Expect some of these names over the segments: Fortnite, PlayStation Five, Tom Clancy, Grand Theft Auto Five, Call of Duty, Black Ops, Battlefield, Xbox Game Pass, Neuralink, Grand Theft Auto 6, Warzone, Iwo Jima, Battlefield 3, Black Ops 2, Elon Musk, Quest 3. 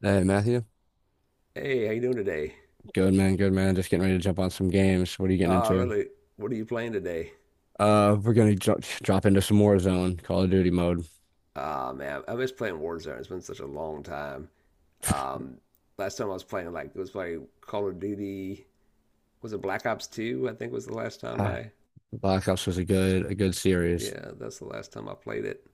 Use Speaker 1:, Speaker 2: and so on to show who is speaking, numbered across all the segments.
Speaker 1: Hey Matthew,
Speaker 2: Hey, how you doing today?
Speaker 1: good man, good man. Just getting ready to jump on some games. What are you getting
Speaker 2: Ah,
Speaker 1: into?
Speaker 2: really? What are you playing today?
Speaker 1: We're gonna drop into some Warzone, Call of Duty mode.
Speaker 2: Ah, man, I miss playing Warzone. It's been such a long time. Um, Last time I was playing, like, it was playing Call of Duty. Was it Black Ops 2? I think was the last time
Speaker 1: Ah,
Speaker 2: I
Speaker 1: Black Ops was
Speaker 2: was.
Speaker 1: a good series.
Speaker 2: Yeah, that's the last time I played it.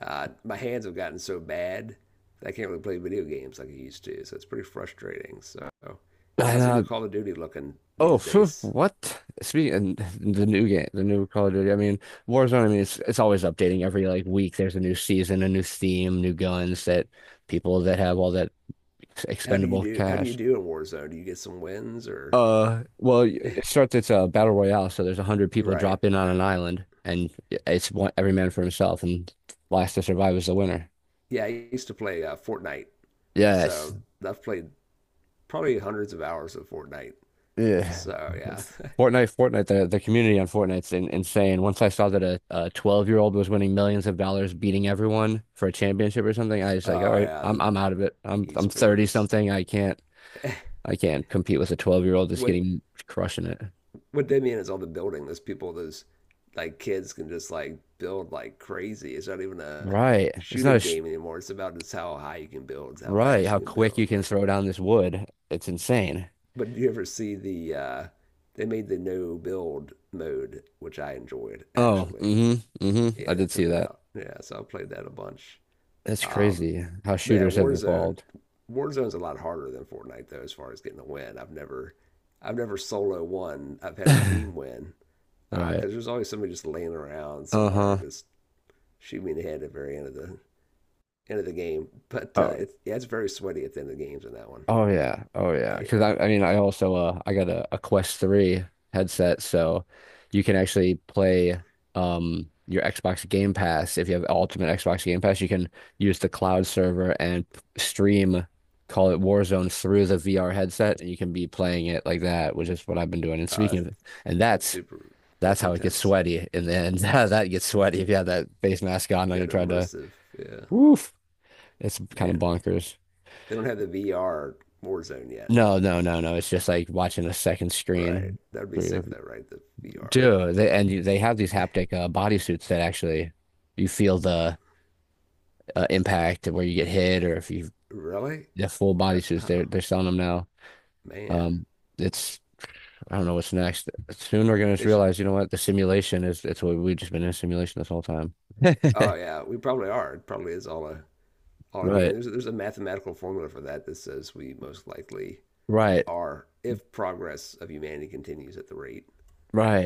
Speaker 2: My hands have gotten so bad that I can't really play video games like I used to, so it's pretty frustrating. So,
Speaker 1: And,
Speaker 2: how's the new
Speaker 1: uh,
Speaker 2: Call of Duty looking
Speaker 1: oh,
Speaker 2: these
Speaker 1: phew,
Speaker 2: days?
Speaker 1: what? Speaking the new game, the new Call of Duty. I mean, Warzone. I mean, it's always updating every like week. There's a new season, a new theme, new guns that people that have all that expendable
Speaker 2: How do you
Speaker 1: cash.
Speaker 2: do in Warzone? Do you get some wins or?
Speaker 1: Well, it starts. It's a battle royale, so there's a hundred people
Speaker 2: Right.
Speaker 1: drop in on an island, and it's one every man for himself, and last to survive is the winner.
Speaker 2: Yeah, I used to play Fortnite,
Speaker 1: Yes,
Speaker 2: so I've played probably hundreds of hours of Fortnite.
Speaker 1: yeah.
Speaker 2: So yeah,
Speaker 1: Fortnite, Fortnite, the community on Fortnite's insane. Once I saw that a 12-year-old was winning millions of dollars, beating everyone for a championship or something, I was like, all
Speaker 2: oh
Speaker 1: right,
Speaker 2: yeah,
Speaker 1: I'm
Speaker 2: the
Speaker 1: I'm out of it. I'm 30
Speaker 2: esports.
Speaker 1: something. I can't compete with a 12-year-old that's
Speaker 2: What
Speaker 1: getting crushing it.
Speaker 2: what they mean is all the building. Those people, those like kids can just like build like crazy. It's not even a
Speaker 1: Right. It's not a
Speaker 2: shooting
Speaker 1: sh
Speaker 2: game anymore. It's about just how high you can build, how
Speaker 1: Right,
Speaker 2: fast
Speaker 1: how
Speaker 2: you can
Speaker 1: quick you
Speaker 2: build.
Speaker 1: can throw down this wood. It's insane.
Speaker 2: But do you ever see the they made the no build mode, which I enjoyed
Speaker 1: Oh,
Speaker 2: actually.
Speaker 1: mm-hmm, mm-hmm, I
Speaker 2: Yeah, they
Speaker 1: did see
Speaker 2: took it
Speaker 1: that.
Speaker 2: out. Yeah, so I played that a bunch.
Speaker 1: That's
Speaker 2: Um,
Speaker 1: crazy how
Speaker 2: but yeah,
Speaker 1: shooters have
Speaker 2: Warzone.
Speaker 1: evolved.
Speaker 2: Warzone's a lot harder than Fortnite though, as far as getting a win. I've never solo won. I've had a team win because
Speaker 1: Right.
Speaker 2: there's always somebody just laying around somewhere,
Speaker 1: Uh-huh.
Speaker 2: just shoot me in the head at the very end of the game. But
Speaker 1: Uh,
Speaker 2: uh, it's yeah, it's very sweaty at the end of the games in that one.
Speaker 1: Oh yeah, oh yeah.
Speaker 2: You
Speaker 1: Because
Speaker 2: know,
Speaker 1: I mean, I also I got a Quest 3 headset, so you can actually play your Xbox Game Pass. If you have Ultimate Xbox Game Pass, you can use the cloud server and stream, call it Warzone through the VR headset, and you can be playing it like that, which is what I've been doing. And
Speaker 2: uh,
Speaker 1: speaking
Speaker 2: that's,
Speaker 1: of, and
Speaker 2: that's super.
Speaker 1: that's
Speaker 2: That's
Speaker 1: how it gets
Speaker 2: intense.
Speaker 1: sweaty in the end. That gets sweaty if you have that face mask on and you're
Speaker 2: That
Speaker 1: trying to,
Speaker 2: immersive. Yeah,
Speaker 1: woof. It's kind of
Speaker 2: man.
Speaker 1: bonkers.
Speaker 2: They don't have the VR Warzone yet,
Speaker 1: No, no, no, no. It's just like watching a second
Speaker 2: right?
Speaker 1: screen,
Speaker 2: That would be sick though, right? The VR.
Speaker 1: dude. They have these haptic bodysuits that actually you feel the impact where you get hit or if you
Speaker 2: Really?
Speaker 1: the full
Speaker 2: Uh,
Speaker 1: bodysuits. They're
Speaker 2: oh
Speaker 1: they're selling them now.
Speaker 2: man,
Speaker 1: Um, it's I don't know what's next. Soon we're gonna just
Speaker 2: they should.
Speaker 1: realize, you know what, the simulation is. It's what we've just been in a simulation this whole time.
Speaker 2: Oh yeah, we probably are. It probably is all a game.
Speaker 1: Right,
Speaker 2: There's a mathematical formula for that that says we most likely
Speaker 1: right,
Speaker 2: are if progress of humanity continues at the rate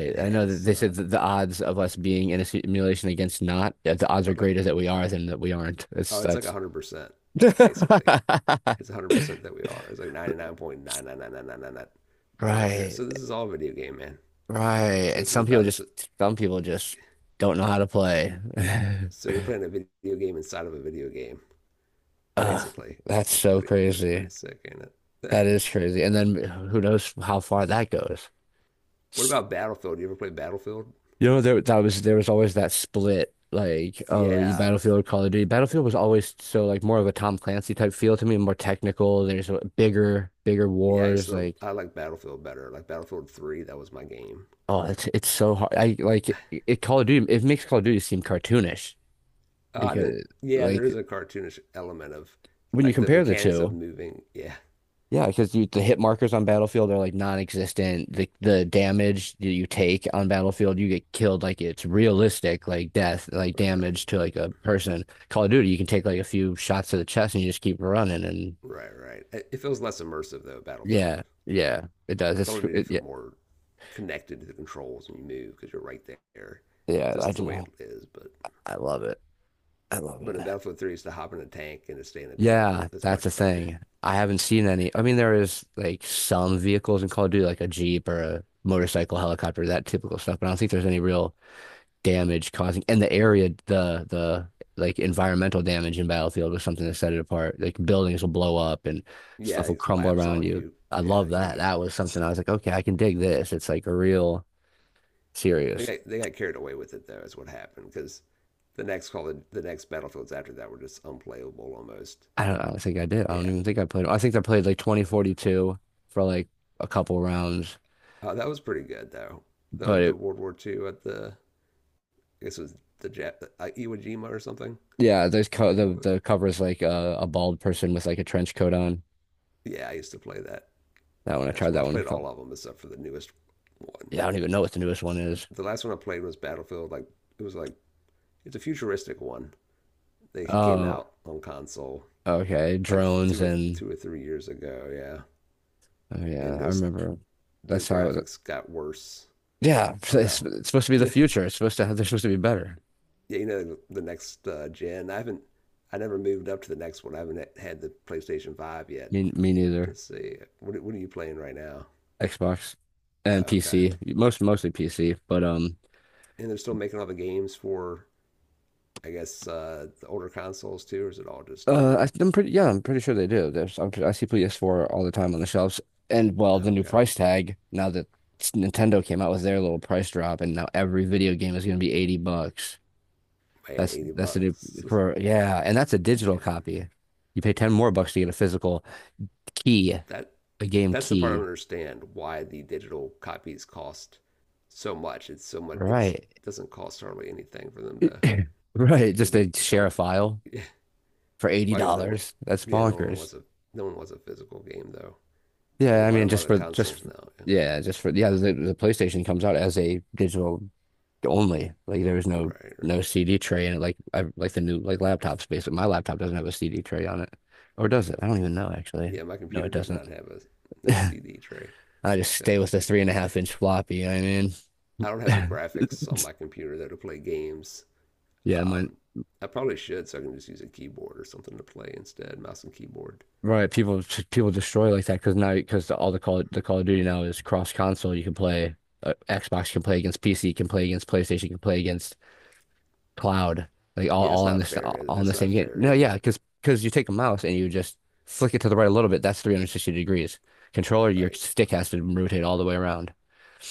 Speaker 2: it
Speaker 1: I know that
Speaker 2: has.
Speaker 1: they
Speaker 2: Uh,
Speaker 1: said that the odds of us being in a simulation against not, that the odds are
Speaker 2: like
Speaker 1: greater that we are than that we aren't. It's
Speaker 2: oh, it's like a
Speaker 1: That's
Speaker 2: hundred percent basically. It's 100% that we are. It's like 99.9999999 wherever it goes.
Speaker 1: right,
Speaker 2: So this is all a video game, man.
Speaker 1: right.
Speaker 2: So
Speaker 1: And
Speaker 2: this is about this. Is,
Speaker 1: some people just don't know how to play.
Speaker 2: so you're playing a video game inside of a video game,
Speaker 1: Ugh,
Speaker 2: basically.
Speaker 1: that's so
Speaker 2: That's
Speaker 1: crazy.
Speaker 2: pretty sick, ain't it?
Speaker 1: That is crazy. And then who knows how far that goes.
Speaker 2: What about Battlefield? You ever play Battlefield?
Speaker 1: You know, there was always that split, like, oh, you
Speaker 2: Yeah,
Speaker 1: Battlefield, Call of Duty. Battlefield was always so like more of a Tom Clancy type feel to me, more technical. There's a bigger, bigger
Speaker 2: yeah. I
Speaker 1: wars,
Speaker 2: still
Speaker 1: like
Speaker 2: I like Battlefield better. Like Battlefield 3, that was my game.
Speaker 1: oh, it's so hard. I like it, Call of Duty, it makes Call of Duty seem cartoonish
Speaker 2: Oh, I didn't.
Speaker 1: because
Speaker 2: Yeah, there is
Speaker 1: like
Speaker 2: a cartoonish element of
Speaker 1: when you
Speaker 2: like the
Speaker 1: compare the
Speaker 2: mechanics of
Speaker 1: two,
Speaker 2: moving. Yeah,
Speaker 1: yeah, because the hit markers on Battlefield are like non-existent. The damage that you take on Battlefield, you get killed like it's realistic, like death, like
Speaker 2: right, right,
Speaker 1: damage to like a person. Call of Duty, you can take like a few shots to the chest and you just keep running. And
Speaker 2: right, right. It feels less immersive though. Battlefield,
Speaker 1: yeah, yeah, it does.
Speaker 2: Call of Duty feel
Speaker 1: Yeah,
Speaker 2: more connected to the controls when you move because you're right there,
Speaker 1: yeah. I
Speaker 2: just the way it
Speaker 1: do.
Speaker 2: is. But
Speaker 1: I love it. I love
Speaker 2: but
Speaker 1: it.
Speaker 2: in Battlefield 3, it's to hop in a tank and to stay in a tank
Speaker 1: Yeah,
Speaker 2: if, as
Speaker 1: that's
Speaker 2: much
Speaker 1: a
Speaker 2: as I could.
Speaker 1: thing. I haven't seen any. I mean, there is like some vehicles in Call of Duty, like a Jeep or a motorcycle, helicopter, that typical stuff. But I don't think there's any real damage causing and the area the like environmental damage in Battlefield was something that set it apart. Like buildings will blow up and
Speaker 2: Yeah,
Speaker 1: stuff will
Speaker 2: it
Speaker 1: crumble
Speaker 2: collapse
Speaker 1: around
Speaker 2: on
Speaker 1: you.
Speaker 2: you.
Speaker 1: I
Speaker 2: Yeah,
Speaker 1: love
Speaker 2: you can
Speaker 1: that.
Speaker 2: get
Speaker 1: That was something I was like, okay, I can dig this. It's like a real
Speaker 2: They
Speaker 1: serious.
Speaker 2: got, they got carried away with it though, is what happened because the next battlefields after that were just unplayable almost.
Speaker 1: I don't think I did. I don't
Speaker 2: Yeah,
Speaker 1: even think I played. I think I played like 2042 for like a couple rounds,
Speaker 2: uh, that was pretty good though. The
Speaker 1: but
Speaker 2: the
Speaker 1: it,
Speaker 2: World War II at the, I guess it was the Iwo Jima or something.
Speaker 1: yeah, there's
Speaker 2: I
Speaker 1: co
Speaker 2: think it
Speaker 1: the
Speaker 2: was.
Speaker 1: the cover is like a bald person with like a trench coat on.
Speaker 2: Yeah, I used to play that
Speaker 1: That one, I
Speaker 2: as
Speaker 1: tried
Speaker 2: well.
Speaker 1: that
Speaker 2: I've
Speaker 1: one a
Speaker 2: played
Speaker 1: couple.
Speaker 2: all of them except for the newest one.
Speaker 1: Yeah, I don't even know what the newest one is.
Speaker 2: The last one I played was Battlefield. Like it was like it's a futuristic one. They came
Speaker 1: Oh,
Speaker 2: out on console
Speaker 1: okay,
Speaker 2: like
Speaker 1: drones and
Speaker 2: two or three years ago. Yeah,
Speaker 1: oh yeah,
Speaker 2: and
Speaker 1: I
Speaker 2: just
Speaker 1: remember.
Speaker 2: the
Speaker 1: That's how it,
Speaker 2: graphics got worse
Speaker 1: yeah,
Speaker 2: somehow.
Speaker 1: it's supposed to be the
Speaker 2: yeah,
Speaker 1: future. It's supposed to have, they're supposed to be better.
Speaker 2: you know the next gen. I haven't. I never moved up to the next one. I haven't had the PlayStation 5 yet
Speaker 1: Me, me neither.
Speaker 2: to see. What are you playing right now?
Speaker 1: Xbox and
Speaker 2: Okay,
Speaker 1: PC, mostly PC, but
Speaker 2: and they're still making all the games for. I guess the older consoles too, or is it all just new?
Speaker 1: I'm pretty yeah, I'm pretty sure they do. I see PS4 all the time on the shelves, and well, the new
Speaker 2: Okay,
Speaker 1: price tag now that Nintendo came out with their little price drop, and now every video game is going to be 80 bucks.
Speaker 2: man,
Speaker 1: That's
Speaker 2: eighty
Speaker 1: that's the new
Speaker 2: bucks.
Speaker 1: for yeah, and that's a digital
Speaker 2: Man,
Speaker 1: copy. You pay 10 more bucks to get a physical key,
Speaker 2: that
Speaker 1: a game
Speaker 2: that's the part I don't
Speaker 1: key.
Speaker 2: understand why the digital copies cost so much. It's so much. It's
Speaker 1: Right.
Speaker 2: doesn't cost hardly anything for them to.
Speaker 1: Right.
Speaker 2: It could
Speaker 1: Just
Speaker 2: be
Speaker 1: to
Speaker 2: a
Speaker 1: share a
Speaker 2: couple.
Speaker 1: file
Speaker 2: Yeah,
Speaker 1: for
Speaker 2: well, I guess no one.
Speaker 1: $80. That's
Speaker 2: Yeah, no one
Speaker 1: bonkers.
Speaker 2: wants a no one wants a physical game though.
Speaker 1: Yeah,
Speaker 2: And
Speaker 1: I
Speaker 2: why do a
Speaker 1: mean
Speaker 2: lot of
Speaker 1: just
Speaker 2: the
Speaker 1: for
Speaker 2: consoles now? Yeah.
Speaker 1: yeah, just for yeah, the PlayStation comes out as a digital only. Like there's
Speaker 2: Right,
Speaker 1: no
Speaker 2: right.
Speaker 1: CD tray in it like like the new like laptops basically. My laptop doesn't have a CD tray on it. Or does it? I don't even know actually.
Speaker 2: Yeah, my
Speaker 1: No,
Speaker 2: computer
Speaker 1: it
Speaker 2: does
Speaker 1: doesn't.
Speaker 2: not have a no
Speaker 1: I
Speaker 2: CD tray.
Speaker 1: just
Speaker 2: It's gotta
Speaker 1: stay with the
Speaker 2: let you.
Speaker 1: three and a half inch floppy, you know
Speaker 2: I don't have
Speaker 1: what
Speaker 2: the
Speaker 1: I mean?
Speaker 2: graphics on my computer though to play games.
Speaker 1: Yeah, mine
Speaker 2: Um, I probably should, so I can just use a keyboard or something to play instead, mouse and keyboard.
Speaker 1: right, people destroy like that because now because all the Call of Duty now is cross console. You can play Xbox can play against PC, can play against PlayStation, can play against cloud, like all
Speaker 2: Yeah, that's
Speaker 1: all on
Speaker 2: not
Speaker 1: this all
Speaker 2: fair.
Speaker 1: on the
Speaker 2: That's
Speaker 1: same
Speaker 2: not
Speaker 1: game.
Speaker 2: fair,
Speaker 1: No,
Speaker 2: is
Speaker 1: yeah,
Speaker 2: it?
Speaker 1: because you take a mouse and you just flick it to the right a little bit. That's 360 degrees. Controller, your
Speaker 2: Right.
Speaker 1: stick has to rotate all the way around.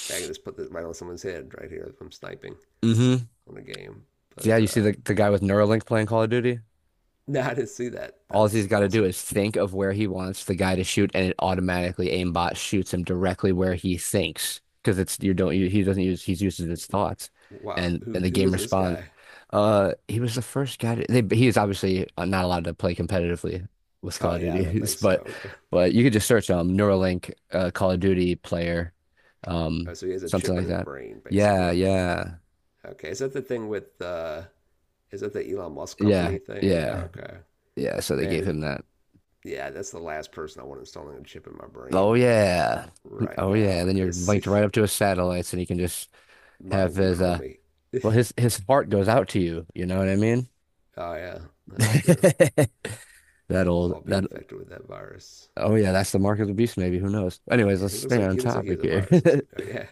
Speaker 2: I can just put this right on someone's head right here if I'm sniping
Speaker 1: Hmm
Speaker 2: on a game.
Speaker 1: Yeah,
Speaker 2: But
Speaker 1: you see
Speaker 2: uh,
Speaker 1: the guy with Neuralink playing Call of Duty.
Speaker 2: no, I didn't see that.
Speaker 1: All
Speaker 2: That's
Speaker 1: he's got to do
Speaker 2: awesome.
Speaker 1: is think of where he wants the guy to shoot, and it automatically aimbot shoots him directly where he thinks because it's you don't you, he doesn't use, he uses his thoughts,
Speaker 2: Wow,
Speaker 1: and
Speaker 2: who
Speaker 1: the
Speaker 2: who
Speaker 1: game
Speaker 2: is this
Speaker 1: responds.
Speaker 2: guy?
Speaker 1: He was the first guy to, they, he is obviously not allowed to play competitively with Call
Speaker 2: Oh
Speaker 1: of
Speaker 2: yeah, I don't
Speaker 1: Duty,
Speaker 2: think
Speaker 1: but
Speaker 2: so.
Speaker 1: you could just search Neuralink Call of Duty player,
Speaker 2: Oh,
Speaker 1: um
Speaker 2: so he has a
Speaker 1: something
Speaker 2: chip in
Speaker 1: like
Speaker 2: his
Speaker 1: that.
Speaker 2: brain,
Speaker 1: Yeah,
Speaker 2: basically.
Speaker 1: yeah,
Speaker 2: Okay, is that the Elon Musk
Speaker 1: yeah,
Speaker 2: company thing?
Speaker 1: yeah,
Speaker 2: Okay.
Speaker 1: yeah. So they
Speaker 2: Man,
Speaker 1: gave
Speaker 2: if,
Speaker 1: him that.
Speaker 2: yeah, that's the last person I want installing a chip in my
Speaker 1: Oh
Speaker 2: brain
Speaker 1: yeah.
Speaker 2: right
Speaker 1: Oh yeah.
Speaker 2: now
Speaker 1: And then you're
Speaker 2: because
Speaker 1: linked right up to his satellites and he can just have
Speaker 2: mind
Speaker 1: his
Speaker 2: control me.
Speaker 1: well, his heart goes out to you, you know what I mean?
Speaker 2: Oh yeah, that's true.
Speaker 1: That old
Speaker 2: I'll be
Speaker 1: that
Speaker 2: infected with that virus.
Speaker 1: Oh yeah, that's the mark of the beast maybe, who knows. Anyways,
Speaker 2: Yeah,
Speaker 1: let's
Speaker 2: he looks
Speaker 1: stay
Speaker 2: like
Speaker 1: on
Speaker 2: he looks like he
Speaker 1: topic
Speaker 2: has a
Speaker 1: here.
Speaker 2: virus. Or something. Oh, yeah,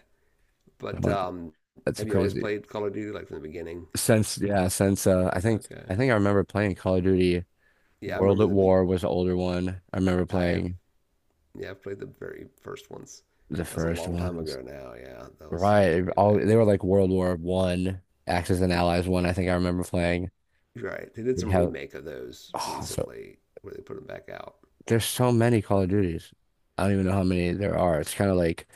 Speaker 2: but
Speaker 1: want- That's
Speaker 2: have you always
Speaker 1: crazy.
Speaker 2: played Call of Duty like from the beginning?
Speaker 1: Since yeah, since I think
Speaker 2: Okay.
Speaker 1: I remember playing Call of Duty
Speaker 2: Yeah, I
Speaker 1: World
Speaker 2: remember
Speaker 1: at
Speaker 2: the. Be-
Speaker 1: War was the older one. I remember
Speaker 2: I have
Speaker 1: playing
Speaker 2: Yeah, I've played the very first ones.
Speaker 1: the
Speaker 2: That was a
Speaker 1: first
Speaker 2: long time
Speaker 1: ones.
Speaker 2: ago now. Yeah, that was
Speaker 1: Right.
Speaker 2: way
Speaker 1: All
Speaker 2: back.
Speaker 1: they were like World War One, Axis and Allies one, I think I remember playing.
Speaker 2: Right. They did
Speaker 1: We
Speaker 2: some
Speaker 1: have
Speaker 2: remake of those
Speaker 1: Oh, so
Speaker 2: recently where they put them back out.
Speaker 1: there's so many Call of Duties. I don't even know how many there are. It's kind of like,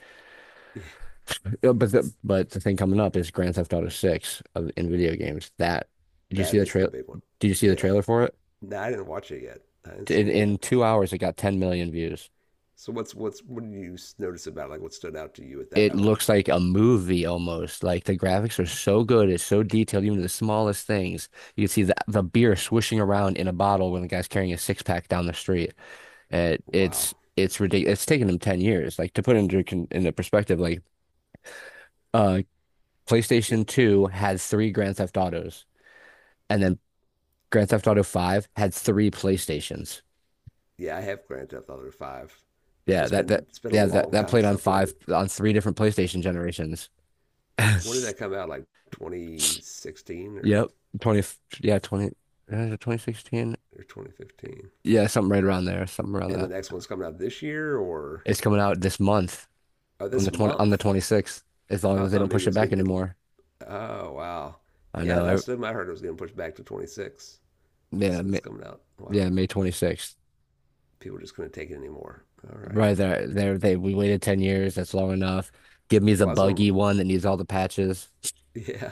Speaker 1: but the thing coming up is Grand Theft Auto 6 of in video games. That did you
Speaker 2: That
Speaker 1: see the
Speaker 2: is the
Speaker 1: trail?
Speaker 2: big one.
Speaker 1: Did you see the
Speaker 2: Yeah.
Speaker 1: trailer for it?
Speaker 2: No, I didn't watch it yet. I haven't seen it yet.
Speaker 1: In 2 hours, it got 10 million views.
Speaker 2: So what's what did you s- notice about like what stood out to you with
Speaker 1: It
Speaker 2: that one?
Speaker 1: looks like a movie almost. Like the graphics are so good, it's so detailed, even the smallest things. You can see the beer swishing around in a bottle when the guy's carrying a six pack down the street.
Speaker 2: Wow.
Speaker 1: It's ridiculous. It's taken them 10 years. Like to put into into perspective, like uh
Speaker 2: Y-
Speaker 1: PlayStation 2 had three Grand Theft Autos and then Grand Theft Auto 5 had three PlayStations.
Speaker 2: Yeah, I have Grand Theft Auto 5.
Speaker 1: Yeah,
Speaker 2: It's
Speaker 1: that
Speaker 2: been
Speaker 1: that
Speaker 2: it's been a
Speaker 1: yeah, that
Speaker 2: long
Speaker 1: that
Speaker 2: time
Speaker 1: played
Speaker 2: since
Speaker 1: on
Speaker 2: I played
Speaker 1: five
Speaker 2: it.
Speaker 1: on three different PlayStation generations.
Speaker 2: When did that come out? Like 2016
Speaker 1: Yep.
Speaker 2: or
Speaker 1: 20 yeah, 20 2016.
Speaker 2: or 2015?
Speaker 1: Yeah, something right around there, something around
Speaker 2: And the
Speaker 1: that.
Speaker 2: next one's coming out this year or
Speaker 1: It's coming out this month
Speaker 2: oh,
Speaker 1: on
Speaker 2: this
Speaker 1: the 20 on the
Speaker 2: month.
Speaker 1: 26th, as long
Speaker 2: I
Speaker 1: as they
Speaker 2: thought
Speaker 1: don't
Speaker 2: maybe
Speaker 1: push
Speaker 2: it
Speaker 1: it
Speaker 2: was
Speaker 1: back
Speaker 2: getting to.
Speaker 1: anymore.
Speaker 2: Oh wow,
Speaker 1: I
Speaker 2: yeah,
Speaker 1: know.
Speaker 2: last time I heard it was getting pushed back to 26,
Speaker 1: Yeah,
Speaker 2: so it's coming out. Wow,
Speaker 1: yeah, May 26th.
Speaker 2: people just couldn't take it anymore. All right.
Speaker 1: Right there, there they We waited 10 years. That's long enough. Give me the
Speaker 2: Well, that's what I'm,
Speaker 1: buggy one that needs all the patches.
Speaker 2: yeah.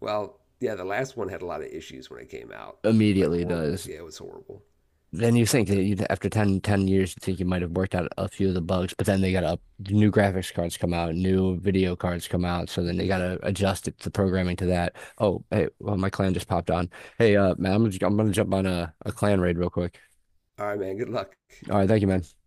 Speaker 2: Well, yeah, the last one had a lot of issues when it came out, like
Speaker 1: Immediately
Speaker 2: horrible.
Speaker 1: does.
Speaker 2: Yeah, it was horrible.
Speaker 1: Then you think
Speaker 2: But
Speaker 1: that
Speaker 2: uh,
Speaker 1: you after 10 years, you think you might have worked out a few of the bugs, but then they got up new graphics cards come out, new video cards come out, so then they
Speaker 2: yeah.
Speaker 1: got to adjust it, the programming to that. Oh, hey, well, my clan just popped on. Hey, man, I'm gonna jump on a clan raid real quick.
Speaker 2: All right, man. Good luck.
Speaker 1: All right, thank you, man.